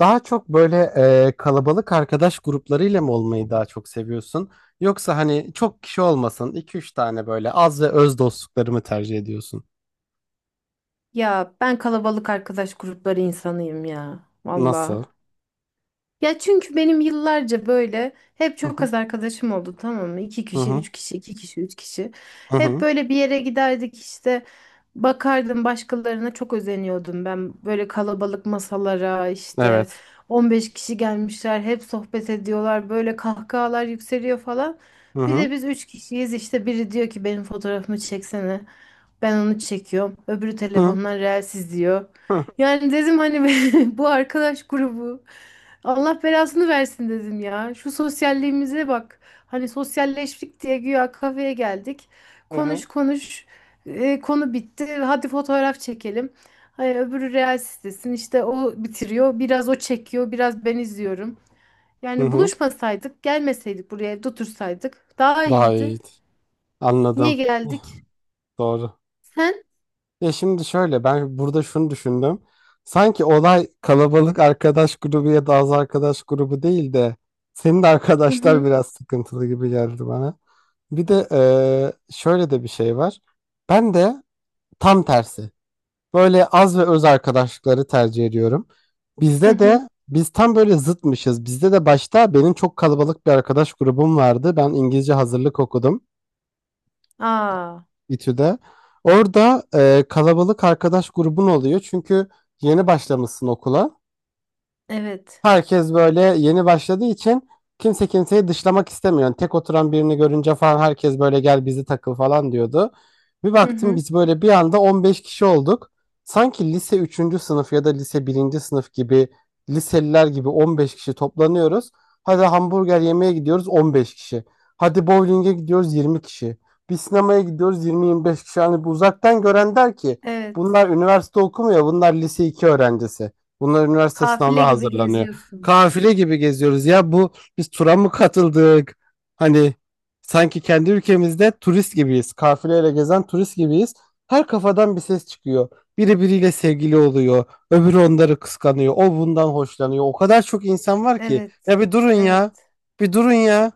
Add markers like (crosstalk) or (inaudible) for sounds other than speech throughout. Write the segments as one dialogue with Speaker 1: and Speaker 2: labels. Speaker 1: Daha çok böyle kalabalık arkadaş gruplarıyla mı olmayı daha çok seviyorsun? Yoksa hani çok kişi olmasın iki üç tane böyle az ve öz dostlukları mı tercih ediyorsun?
Speaker 2: Ya ben kalabalık arkadaş grupları insanıyım ya.
Speaker 1: Nasıl?
Speaker 2: Valla. Ya çünkü benim yıllarca böyle hep
Speaker 1: Hı
Speaker 2: çok
Speaker 1: hı
Speaker 2: az arkadaşım oldu, tamam mı? İki
Speaker 1: hı
Speaker 2: kişi,
Speaker 1: hı
Speaker 2: üç kişi, iki kişi, üç kişi.
Speaker 1: hı
Speaker 2: Hep
Speaker 1: hı.
Speaker 2: böyle bir yere giderdik işte. Bakardım başkalarına, çok özeniyordum ben. Böyle kalabalık masalara işte
Speaker 1: Evet.
Speaker 2: 15 kişi gelmişler, hep sohbet ediyorlar. Böyle kahkahalar yükseliyor falan.
Speaker 1: Hı
Speaker 2: Bir
Speaker 1: hı
Speaker 2: de biz üç kişiyiz işte, biri diyor ki benim fotoğrafımı çeksene. Ben onu çekiyorum. Öbürü
Speaker 1: hı
Speaker 2: telefondan Reels izliyor.
Speaker 1: hı
Speaker 2: Yani dedim hani, (laughs) bu arkadaş grubu Allah belasını versin, dedim ya. Şu sosyalliğimize bak. Hani sosyalleştik diye güya kafeye geldik.
Speaker 1: hı
Speaker 2: Konuş
Speaker 1: hı.
Speaker 2: konuş. Konu bitti. Hadi fotoğraf çekelim. Hayır, öbürü Reels istesin. İşte o bitiriyor. Biraz o çekiyor, biraz ben izliyorum.
Speaker 1: Hı.
Speaker 2: Yani
Speaker 1: Hı.
Speaker 2: buluşmasaydık, gelmeseydik buraya, evde otursaydık daha
Speaker 1: Daha
Speaker 2: iyiydi.
Speaker 1: iyi.
Speaker 2: Niye
Speaker 1: Anladım.
Speaker 2: geldik?
Speaker 1: Doğru.
Speaker 2: Sen?
Speaker 1: Ya şimdi şöyle ben burada şunu düşündüm. Sanki olay kalabalık arkadaş grubu ya da az arkadaş grubu değil de senin de
Speaker 2: Hı
Speaker 1: arkadaşlar
Speaker 2: hı.
Speaker 1: biraz sıkıntılı gibi geldi bana. Bir de şöyle de bir şey var. Ben de tam tersi. Böyle az ve öz arkadaşlıkları tercih ediyorum.
Speaker 2: Hı
Speaker 1: Bizde
Speaker 2: hı.
Speaker 1: de biz tam böyle zıtmışız. Bizde de başta benim çok kalabalık bir arkadaş grubum vardı. Ben İngilizce hazırlık okudum.
Speaker 2: Aa,
Speaker 1: İTÜ'de. Orada kalabalık arkadaş grubun oluyor. Çünkü yeni başlamışsın okula.
Speaker 2: evet.
Speaker 1: Herkes böyle yeni başladığı için kimse kimseyi dışlamak istemiyor. Yani tek oturan birini görünce falan herkes böyle gel bizi takıl falan diyordu. Bir
Speaker 2: Hı
Speaker 1: baktım
Speaker 2: hı.
Speaker 1: biz böyle bir anda 15 kişi olduk. Sanki lise üçüncü sınıf ya da lise birinci sınıf gibi liseliler gibi 15 kişi toplanıyoruz. Hadi hamburger yemeye gidiyoruz 15 kişi. Hadi bowling'e gidiyoruz 20 kişi. Bir sinemaya gidiyoruz 20-25 kişi. Yani bu uzaktan gören der ki
Speaker 2: Evet.
Speaker 1: bunlar üniversite okumuyor bunlar lise 2 öğrencisi. Bunlar üniversite
Speaker 2: Kafile
Speaker 1: sınavına
Speaker 2: gibi
Speaker 1: hazırlanıyor.
Speaker 2: geziyorsunuz.
Speaker 1: Kafile gibi geziyoruz. Ya bu biz tura mı katıldık? Hani sanki kendi ülkemizde turist gibiyiz. Kafileyle gezen turist gibiyiz. Her kafadan bir ses çıkıyor. Biri biriyle sevgili oluyor. Öbürü onları kıskanıyor. O bundan hoşlanıyor. O kadar çok insan var ki.
Speaker 2: Evet.
Speaker 1: Ya bir durun ya.
Speaker 2: Evet.
Speaker 1: Bir durun ya.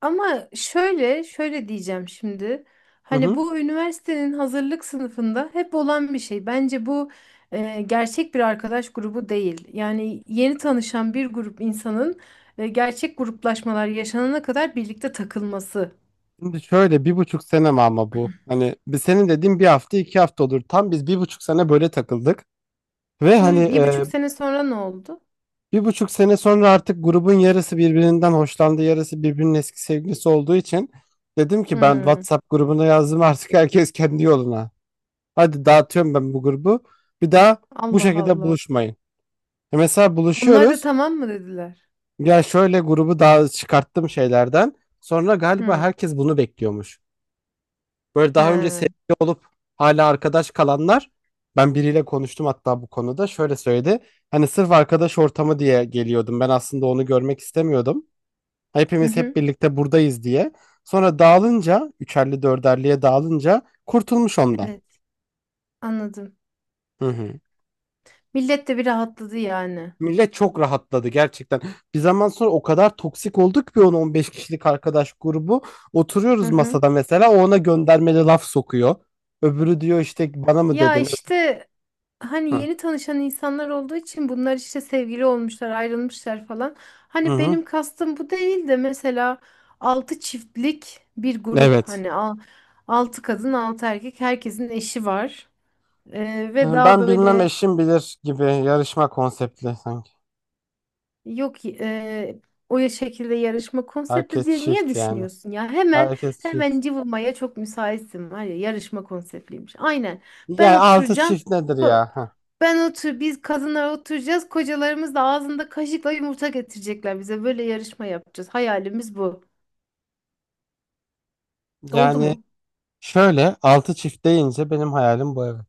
Speaker 2: Ama şöyle, şöyle diyeceğim şimdi.
Speaker 1: Hı
Speaker 2: Hani
Speaker 1: hı.
Speaker 2: bu üniversitenin hazırlık sınıfında hep olan bir şey. Bence bu gerçek bir arkadaş grubu değil. Yani yeni tanışan bir grup insanın gerçek gruplaşmalar yaşanana kadar birlikte takılması.
Speaker 1: Şimdi şöyle 1,5 sene mi ama bu? Hani bir senin dediğin bir hafta iki hafta olur. Tam biz 1,5 sene böyle takıldık. Ve
Speaker 2: Bir,
Speaker 1: hani
Speaker 2: bir buçuk sene sonra ne oldu?
Speaker 1: 1,5 sene sonra artık grubun yarısı birbirinden hoşlandı, yarısı birbirinin eski sevgilisi olduğu için dedim ki ben
Speaker 2: Hmm.
Speaker 1: WhatsApp grubuna yazdım artık herkes kendi yoluna. Hadi dağıtıyorum ben bu grubu. Bir daha bu
Speaker 2: Allah
Speaker 1: şekilde
Speaker 2: Allah.
Speaker 1: buluşmayın. E mesela
Speaker 2: Onlar da
Speaker 1: buluşuyoruz.
Speaker 2: tamam mı dediler?
Speaker 1: Ya şöyle grubu daha çıkarttım şeylerden. Sonra galiba
Speaker 2: Hmm.
Speaker 1: herkes bunu bekliyormuş. Böyle daha önce
Speaker 2: He.
Speaker 1: sevgili olup hala arkadaş kalanlar ben biriyle konuştum hatta bu konuda şöyle söyledi. Hani sırf arkadaş ortamı diye geliyordum. Ben aslında onu görmek istemiyordum.
Speaker 2: Hı
Speaker 1: Hepimiz hep
Speaker 2: hı.
Speaker 1: birlikte buradayız diye. Sonra dağılınca, üçerli dörderliye dağılınca kurtulmuş ondan.
Speaker 2: Evet, anladım.
Speaker 1: Hı hı.
Speaker 2: Millet de bir rahatladı yani.
Speaker 1: Millet çok rahatladı gerçekten. Bir zaman sonra o kadar toksik olduk bir 10-15 kişilik arkadaş grubu.
Speaker 2: Hı
Speaker 1: Oturuyoruz
Speaker 2: hı.
Speaker 1: masada mesela o ona göndermeli laf sokuyor. Öbürü diyor işte bana mı
Speaker 2: Ya
Speaker 1: dedin?
Speaker 2: işte hani
Speaker 1: Hı
Speaker 2: yeni tanışan insanlar olduğu için bunlar işte sevgili olmuşlar, ayrılmışlar falan.
Speaker 1: hı.
Speaker 2: Hani
Speaker 1: Hı.
Speaker 2: benim kastım bu değil de, mesela altı çiftlik bir grup,
Speaker 1: Evet.
Speaker 2: hani altı kadın, altı erkek, herkesin eşi var. Ve
Speaker 1: Hı,
Speaker 2: daha
Speaker 1: ben bilmem
Speaker 2: böyle.
Speaker 1: eşim bilir gibi yarışma konseptli sanki.
Speaker 2: Yok, o ya şekilde yarışma konsepti
Speaker 1: Herkes
Speaker 2: diye niye
Speaker 1: çift yani.
Speaker 2: düşünüyorsun ya? Hemen
Speaker 1: Herkes çift.
Speaker 2: hemen cıvımaya çok müsaitsin var ya, yarışma konseptliymiş. Aynen. Ben
Speaker 1: Ya altı
Speaker 2: oturacağım.
Speaker 1: çift nedir
Speaker 2: Ko-
Speaker 1: ya? Heh.
Speaker 2: Ben otur, biz kadınlar oturacağız. Kocalarımız da ağzında kaşıkla yumurta getirecekler bize. Böyle yarışma yapacağız. Hayalimiz bu. Oldu
Speaker 1: Yani
Speaker 2: mu?
Speaker 1: şöyle 6 çift deyince benim hayalim bu evet.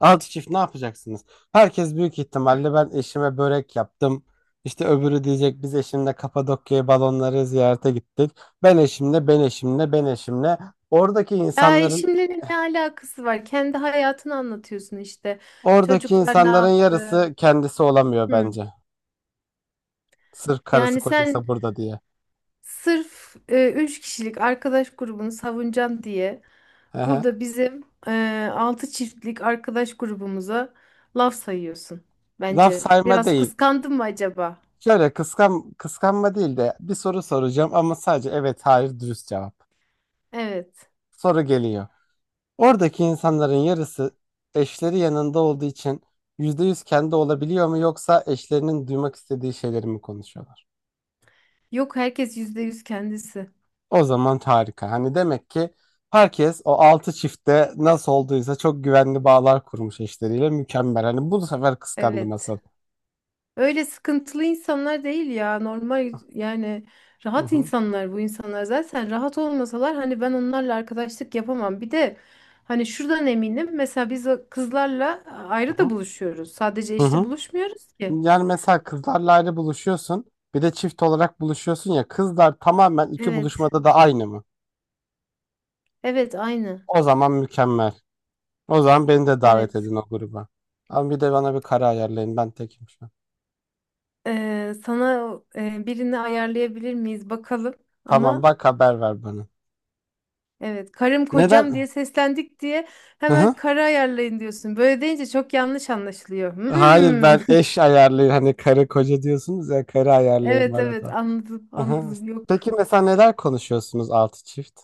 Speaker 1: 6 çift ne yapacaksınız? Herkes büyük ihtimalle ben eşime börek yaptım. İşte öbürü diyecek biz eşimle Kapadokya'ya balonları ziyarete gittik. Ben eşimle, ben eşimle, ben eşimle. Oradaki
Speaker 2: Ya
Speaker 1: insanların
Speaker 2: eşimle ne alakası var? Kendi hayatını anlatıyorsun işte.
Speaker 1: oradaki
Speaker 2: Çocuklar ne
Speaker 1: insanların
Speaker 2: yaptı?
Speaker 1: yarısı kendisi olamıyor
Speaker 2: Hı.
Speaker 1: bence. Sırf karısı
Speaker 2: Yani sen,
Speaker 1: kocası burada diye.
Speaker 2: sırf üç kişilik arkadaş grubunu savunacağım diye,
Speaker 1: Ehe.
Speaker 2: burada bizim altı çiftlik arkadaş grubumuza laf sayıyorsun.
Speaker 1: Laf
Speaker 2: Bence
Speaker 1: sayma
Speaker 2: biraz
Speaker 1: değil.
Speaker 2: kıskandın mı acaba?
Speaker 1: Şöyle kıskanma değil de bir soru soracağım ama sadece evet hayır dürüst cevap.
Speaker 2: Evet.
Speaker 1: Soru geliyor. Oradaki insanların yarısı eşleri yanında olduğu için %100 kendi olabiliyor mu yoksa eşlerinin duymak istediği şeyleri mi konuşuyorlar?
Speaker 2: Yok, herkes %100 kendisi.
Speaker 1: O zaman harika. Hani demek ki herkes o altı çiftte nasıl olduysa çok güvenli bağlar kurmuş eşleriyle mükemmel. Hani bu sefer kıskandım
Speaker 2: Evet.
Speaker 1: asıl.
Speaker 2: Öyle sıkıntılı insanlar değil ya. Normal, yani
Speaker 1: Hı
Speaker 2: rahat
Speaker 1: hı,
Speaker 2: insanlar bu insanlar. Zaten rahat olmasalar hani ben onlarla arkadaşlık yapamam. Bir de hani şuradan eminim. Mesela biz o kızlarla
Speaker 1: hı
Speaker 2: ayrı da
Speaker 1: hı,
Speaker 2: buluşuyoruz. Sadece
Speaker 1: hı
Speaker 2: işte
Speaker 1: hı.
Speaker 2: buluşmuyoruz ki.
Speaker 1: Yani mesela kızlarla ayrı buluşuyorsun. Bir de çift olarak buluşuyorsun ya kızlar tamamen iki
Speaker 2: Evet.
Speaker 1: buluşmada da aynı mı?
Speaker 2: Evet, aynı.
Speaker 1: O zaman mükemmel. O zaman beni de davet
Speaker 2: Evet.
Speaker 1: edin o gruba. Ama bir de bana bir kare ayarlayın. Ben tekim şu an.
Speaker 2: Sana birini ayarlayabilir miyiz bakalım.
Speaker 1: Tamam
Speaker 2: Ama
Speaker 1: bak haber ver bana.
Speaker 2: evet, karım kocam
Speaker 1: Neden?
Speaker 2: diye seslendik diye
Speaker 1: Hı
Speaker 2: hemen
Speaker 1: hı.
Speaker 2: karı ayarlayın diyorsun. Böyle deyince çok yanlış anlaşılıyor.
Speaker 1: Hayır
Speaker 2: Hmm.
Speaker 1: ben eş ayarlayayım. Hani karı koca diyorsunuz ya karı ayarlayın
Speaker 2: Evet
Speaker 1: bana
Speaker 2: evet
Speaker 1: da.
Speaker 2: anladım
Speaker 1: Hı hı.
Speaker 2: anladım yok.
Speaker 1: Peki mesela neler konuşuyorsunuz altı çift?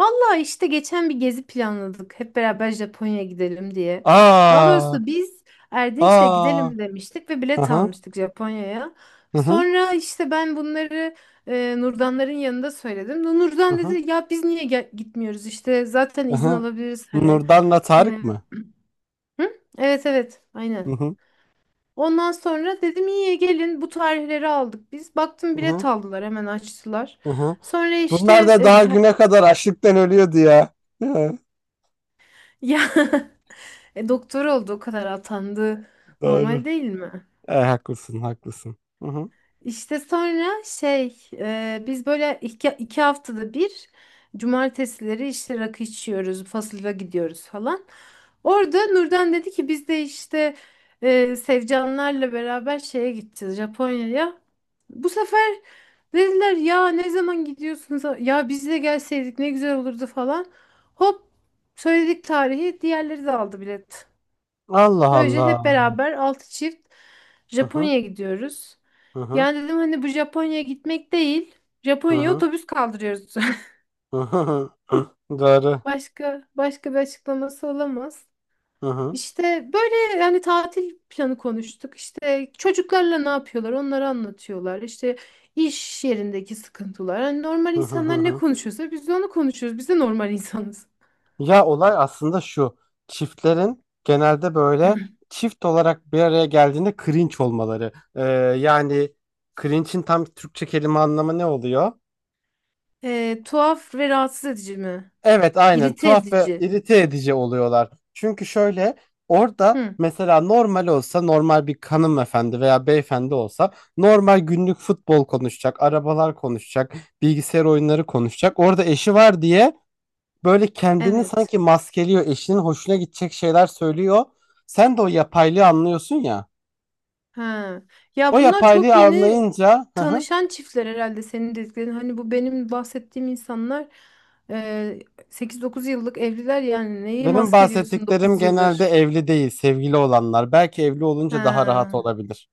Speaker 2: Valla işte geçen bir gezi planladık, hep beraber Japonya'ya gidelim diye. Daha
Speaker 1: Aa,
Speaker 2: doğrusu biz Erdinç'le
Speaker 1: aa.
Speaker 2: gidelim demiştik ve
Speaker 1: Hı
Speaker 2: bilet
Speaker 1: hı.
Speaker 2: almıştık Japonya'ya.
Speaker 1: Hı hı.
Speaker 2: Sonra işte ben bunları Nurdanların yanında söyledim.
Speaker 1: Hı
Speaker 2: Nurdan
Speaker 1: hı.
Speaker 2: dedi ya biz niye gitmiyoruz işte, zaten
Speaker 1: Hı
Speaker 2: izin
Speaker 1: hı.
Speaker 2: alabiliriz hani.
Speaker 1: Nurdan'la
Speaker 2: E,
Speaker 1: Tarık mı?
Speaker 2: hı? Evet evet
Speaker 1: Hı
Speaker 2: aynen.
Speaker 1: hı.
Speaker 2: Ondan sonra dedim iyi gelin, bu tarihleri aldık biz. Baktım
Speaker 1: Hı
Speaker 2: bilet
Speaker 1: hı.
Speaker 2: aldılar hemen, açtılar.
Speaker 1: Hı hı.
Speaker 2: Sonra
Speaker 1: Bunlar
Speaker 2: işte.
Speaker 1: da daha güne kadar açlıktan ölüyordu ya. (laughs) Hı,
Speaker 2: Ya (laughs) doktor oldu o kadar atandı.
Speaker 1: doğru.
Speaker 2: Normal değil mi?
Speaker 1: E, haklısın, haklısın. Hı hı.
Speaker 2: İşte sonra şey biz böyle iki haftada bir cumartesileri işte rakı içiyoruz, fasıla gidiyoruz falan. Orada Nurden dedi ki biz de işte Sevcanlarla beraber şeye gideceğiz Japonya'ya. Bu sefer dediler ya ne zaman gidiyorsunuz? Ya biz de gelseydik ne güzel olurdu falan. Hop söyledik tarihi, diğerleri de aldı bilet.
Speaker 1: Allah
Speaker 2: Böylece
Speaker 1: Allah.
Speaker 2: hep beraber altı çift
Speaker 1: Hı hı
Speaker 2: Japonya'ya gidiyoruz.
Speaker 1: hı hı
Speaker 2: Yani dedim hani bu Japonya'ya gitmek değil.
Speaker 1: hı
Speaker 2: Japonya'ya
Speaker 1: hı
Speaker 2: otobüs kaldırıyoruz. (laughs)
Speaker 1: hı hı hı. Doğru.
Speaker 2: Başka, başka bir açıklaması olamaz.
Speaker 1: Hı hı
Speaker 2: İşte böyle yani, tatil planı konuştuk. İşte çocuklarla ne yapıyorlar onları anlatıyorlar. İşte iş yerindeki sıkıntılar. Hani normal
Speaker 1: hı hı hı
Speaker 2: insanlar ne
Speaker 1: hı.
Speaker 2: konuşuyorsa biz de onu konuşuyoruz. Biz de normal insanız.
Speaker 1: Ya olay aslında şu. Çiftlerin genelde böyle çift olarak bir araya geldiğinde cringe olmaları. Yani cringe'in tam Türkçe kelime anlamı ne oluyor?
Speaker 2: Tuhaf ve rahatsız edici mi?
Speaker 1: Evet aynen
Speaker 2: İrite
Speaker 1: tuhaf ve
Speaker 2: edici.
Speaker 1: irite edici oluyorlar. Çünkü şöyle orada
Speaker 2: Hı,
Speaker 1: mesela normal olsa normal bir hanımefendi veya beyefendi olsa normal günlük futbol konuşacak, arabalar konuşacak, bilgisayar oyunları konuşacak. Orada eşi var diye böyle kendini
Speaker 2: evet.
Speaker 1: sanki maskeliyor, eşinin hoşuna gidecek şeyler söylüyor. Sen de o yapaylığı anlıyorsun ya.
Speaker 2: Ha. Ya
Speaker 1: O
Speaker 2: bunlar çok
Speaker 1: yapaylığı
Speaker 2: yeni
Speaker 1: anlayınca hı hı,
Speaker 2: tanışan çiftler herhalde senin dediklerin. Hani bu benim bahsettiğim insanlar e, 8-9 yıllık evliler, yani neyi
Speaker 1: benim
Speaker 2: maskeliyorsun
Speaker 1: bahsettiklerim
Speaker 2: 9
Speaker 1: genelde
Speaker 2: yıldır.
Speaker 1: evli değil, sevgili olanlar. Belki evli olunca daha rahat
Speaker 2: Ha.
Speaker 1: olabilir.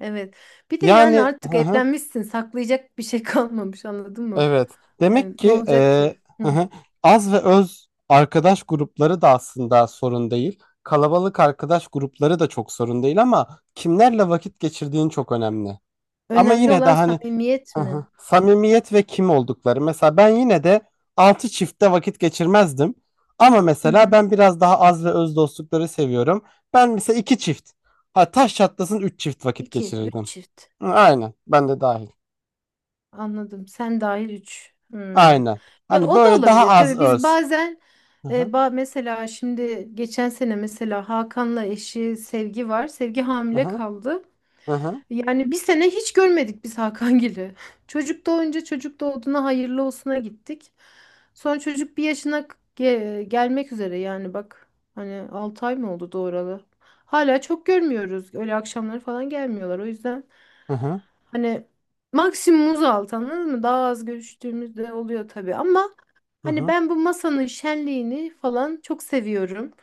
Speaker 2: Evet. Bir de yani
Speaker 1: Yani
Speaker 2: artık
Speaker 1: hı hı.
Speaker 2: evlenmişsin, saklayacak bir şey (laughs) kalmamış, anladın mı?
Speaker 1: Evet.
Speaker 2: Yani
Speaker 1: Demek
Speaker 2: ne
Speaker 1: ki
Speaker 2: olacak ki? Hı.
Speaker 1: (laughs) az ve öz arkadaş grupları da aslında sorun değil. Kalabalık arkadaş grupları da çok sorun değil ama kimlerle vakit geçirdiğin çok önemli. Ama
Speaker 2: Önemli
Speaker 1: yine de
Speaker 2: olan
Speaker 1: hani
Speaker 2: samimiyet mi?
Speaker 1: (laughs) samimiyet ve kim oldukları. Mesela ben yine de altı çiftte vakit geçirmezdim. Ama
Speaker 2: Hı
Speaker 1: mesela
Speaker 2: hı.
Speaker 1: ben biraz daha az ve öz dostlukları seviyorum. Ben mesela iki çift. Ha taş çatlasın üç çift vakit
Speaker 2: İki, üç
Speaker 1: geçirirdim.
Speaker 2: çift.
Speaker 1: Hı, aynen. Ben de dahil.
Speaker 2: Anladım. Sen dahil 3.
Speaker 1: Aynen.
Speaker 2: Ya
Speaker 1: Hani
Speaker 2: o da
Speaker 1: böyle daha
Speaker 2: olabilir.
Speaker 1: az
Speaker 2: Tabii biz
Speaker 1: öz.
Speaker 2: bazen
Speaker 1: Aha,
Speaker 2: mesela şimdi geçen sene mesela Hakan'la eşi Sevgi var. Sevgi hamile
Speaker 1: aha,
Speaker 2: kaldı.
Speaker 1: aha,
Speaker 2: Yani bir sene hiç görmedik biz Hakangil'i. (laughs) Çocuk doğunca, çocuk doğduğuna hayırlı olsuna gittik. Sonra çocuk bir yaşına gelmek üzere yani, bak. Hani 6 ay mı oldu doğuralı? Hala çok görmüyoruz. Öyle akşamları falan gelmiyorlar. O yüzden
Speaker 1: aha,
Speaker 2: hani maksimumuz altı, anladın mı? Daha az görüştüğümüz de oluyor tabii ama hani
Speaker 1: aha,
Speaker 2: ben bu masanın şenliğini falan çok seviyorum.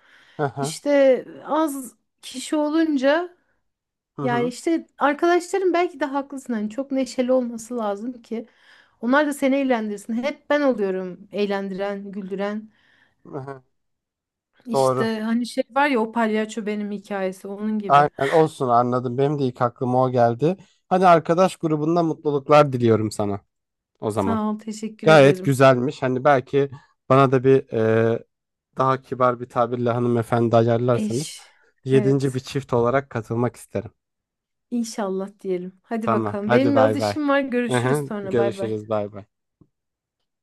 Speaker 1: aha,
Speaker 2: İşte az kişi olunca yani,
Speaker 1: aha,
Speaker 2: işte arkadaşlarım, belki de haklısın hani, çok neşeli olması lazım ki onlar da seni eğlendirsin. Hep ben oluyorum eğlendiren, güldüren.
Speaker 1: aha. Doğru.
Speaker 2: İşte hani şey var ya, o palyaço benim hikayesi onun
Speaker 1: Aynen
Speaker 2: gibi.
Speaker 1: olsun anladım. Benim de ilk aklıma o geldi. Hadi arkadaş grubunda mutluluklar diliyorum sana o zaman.
Speaker 2: Sağ ol, teşekkür
Speaker 1: Gayet
Speaker 2: ederim.
Speaker 1: güzelmiş. Hani belki bana da bir daha kibar bir tabirle hanımefendi ayarlarsanız
Speaker 2: Eş.
Speaker 1: yedinci bir
Speaker 2: Evet.
Speaker 1: çift olarak katılmak isterim.
Speaker 2: İnşallah diyelim. Hadi
Speaker 1: Tamam.
Speaker 2: bakalım.
Speaker 1: Hadi
Speaker 2: Benim az
Speaker 1: bay bay.
Speaker 2: işim var.
Speaker 1: Aha,
Speaker 2: Görüşürüz sonra. Bay bay.
Speaker 1: görüşürüz bay bay.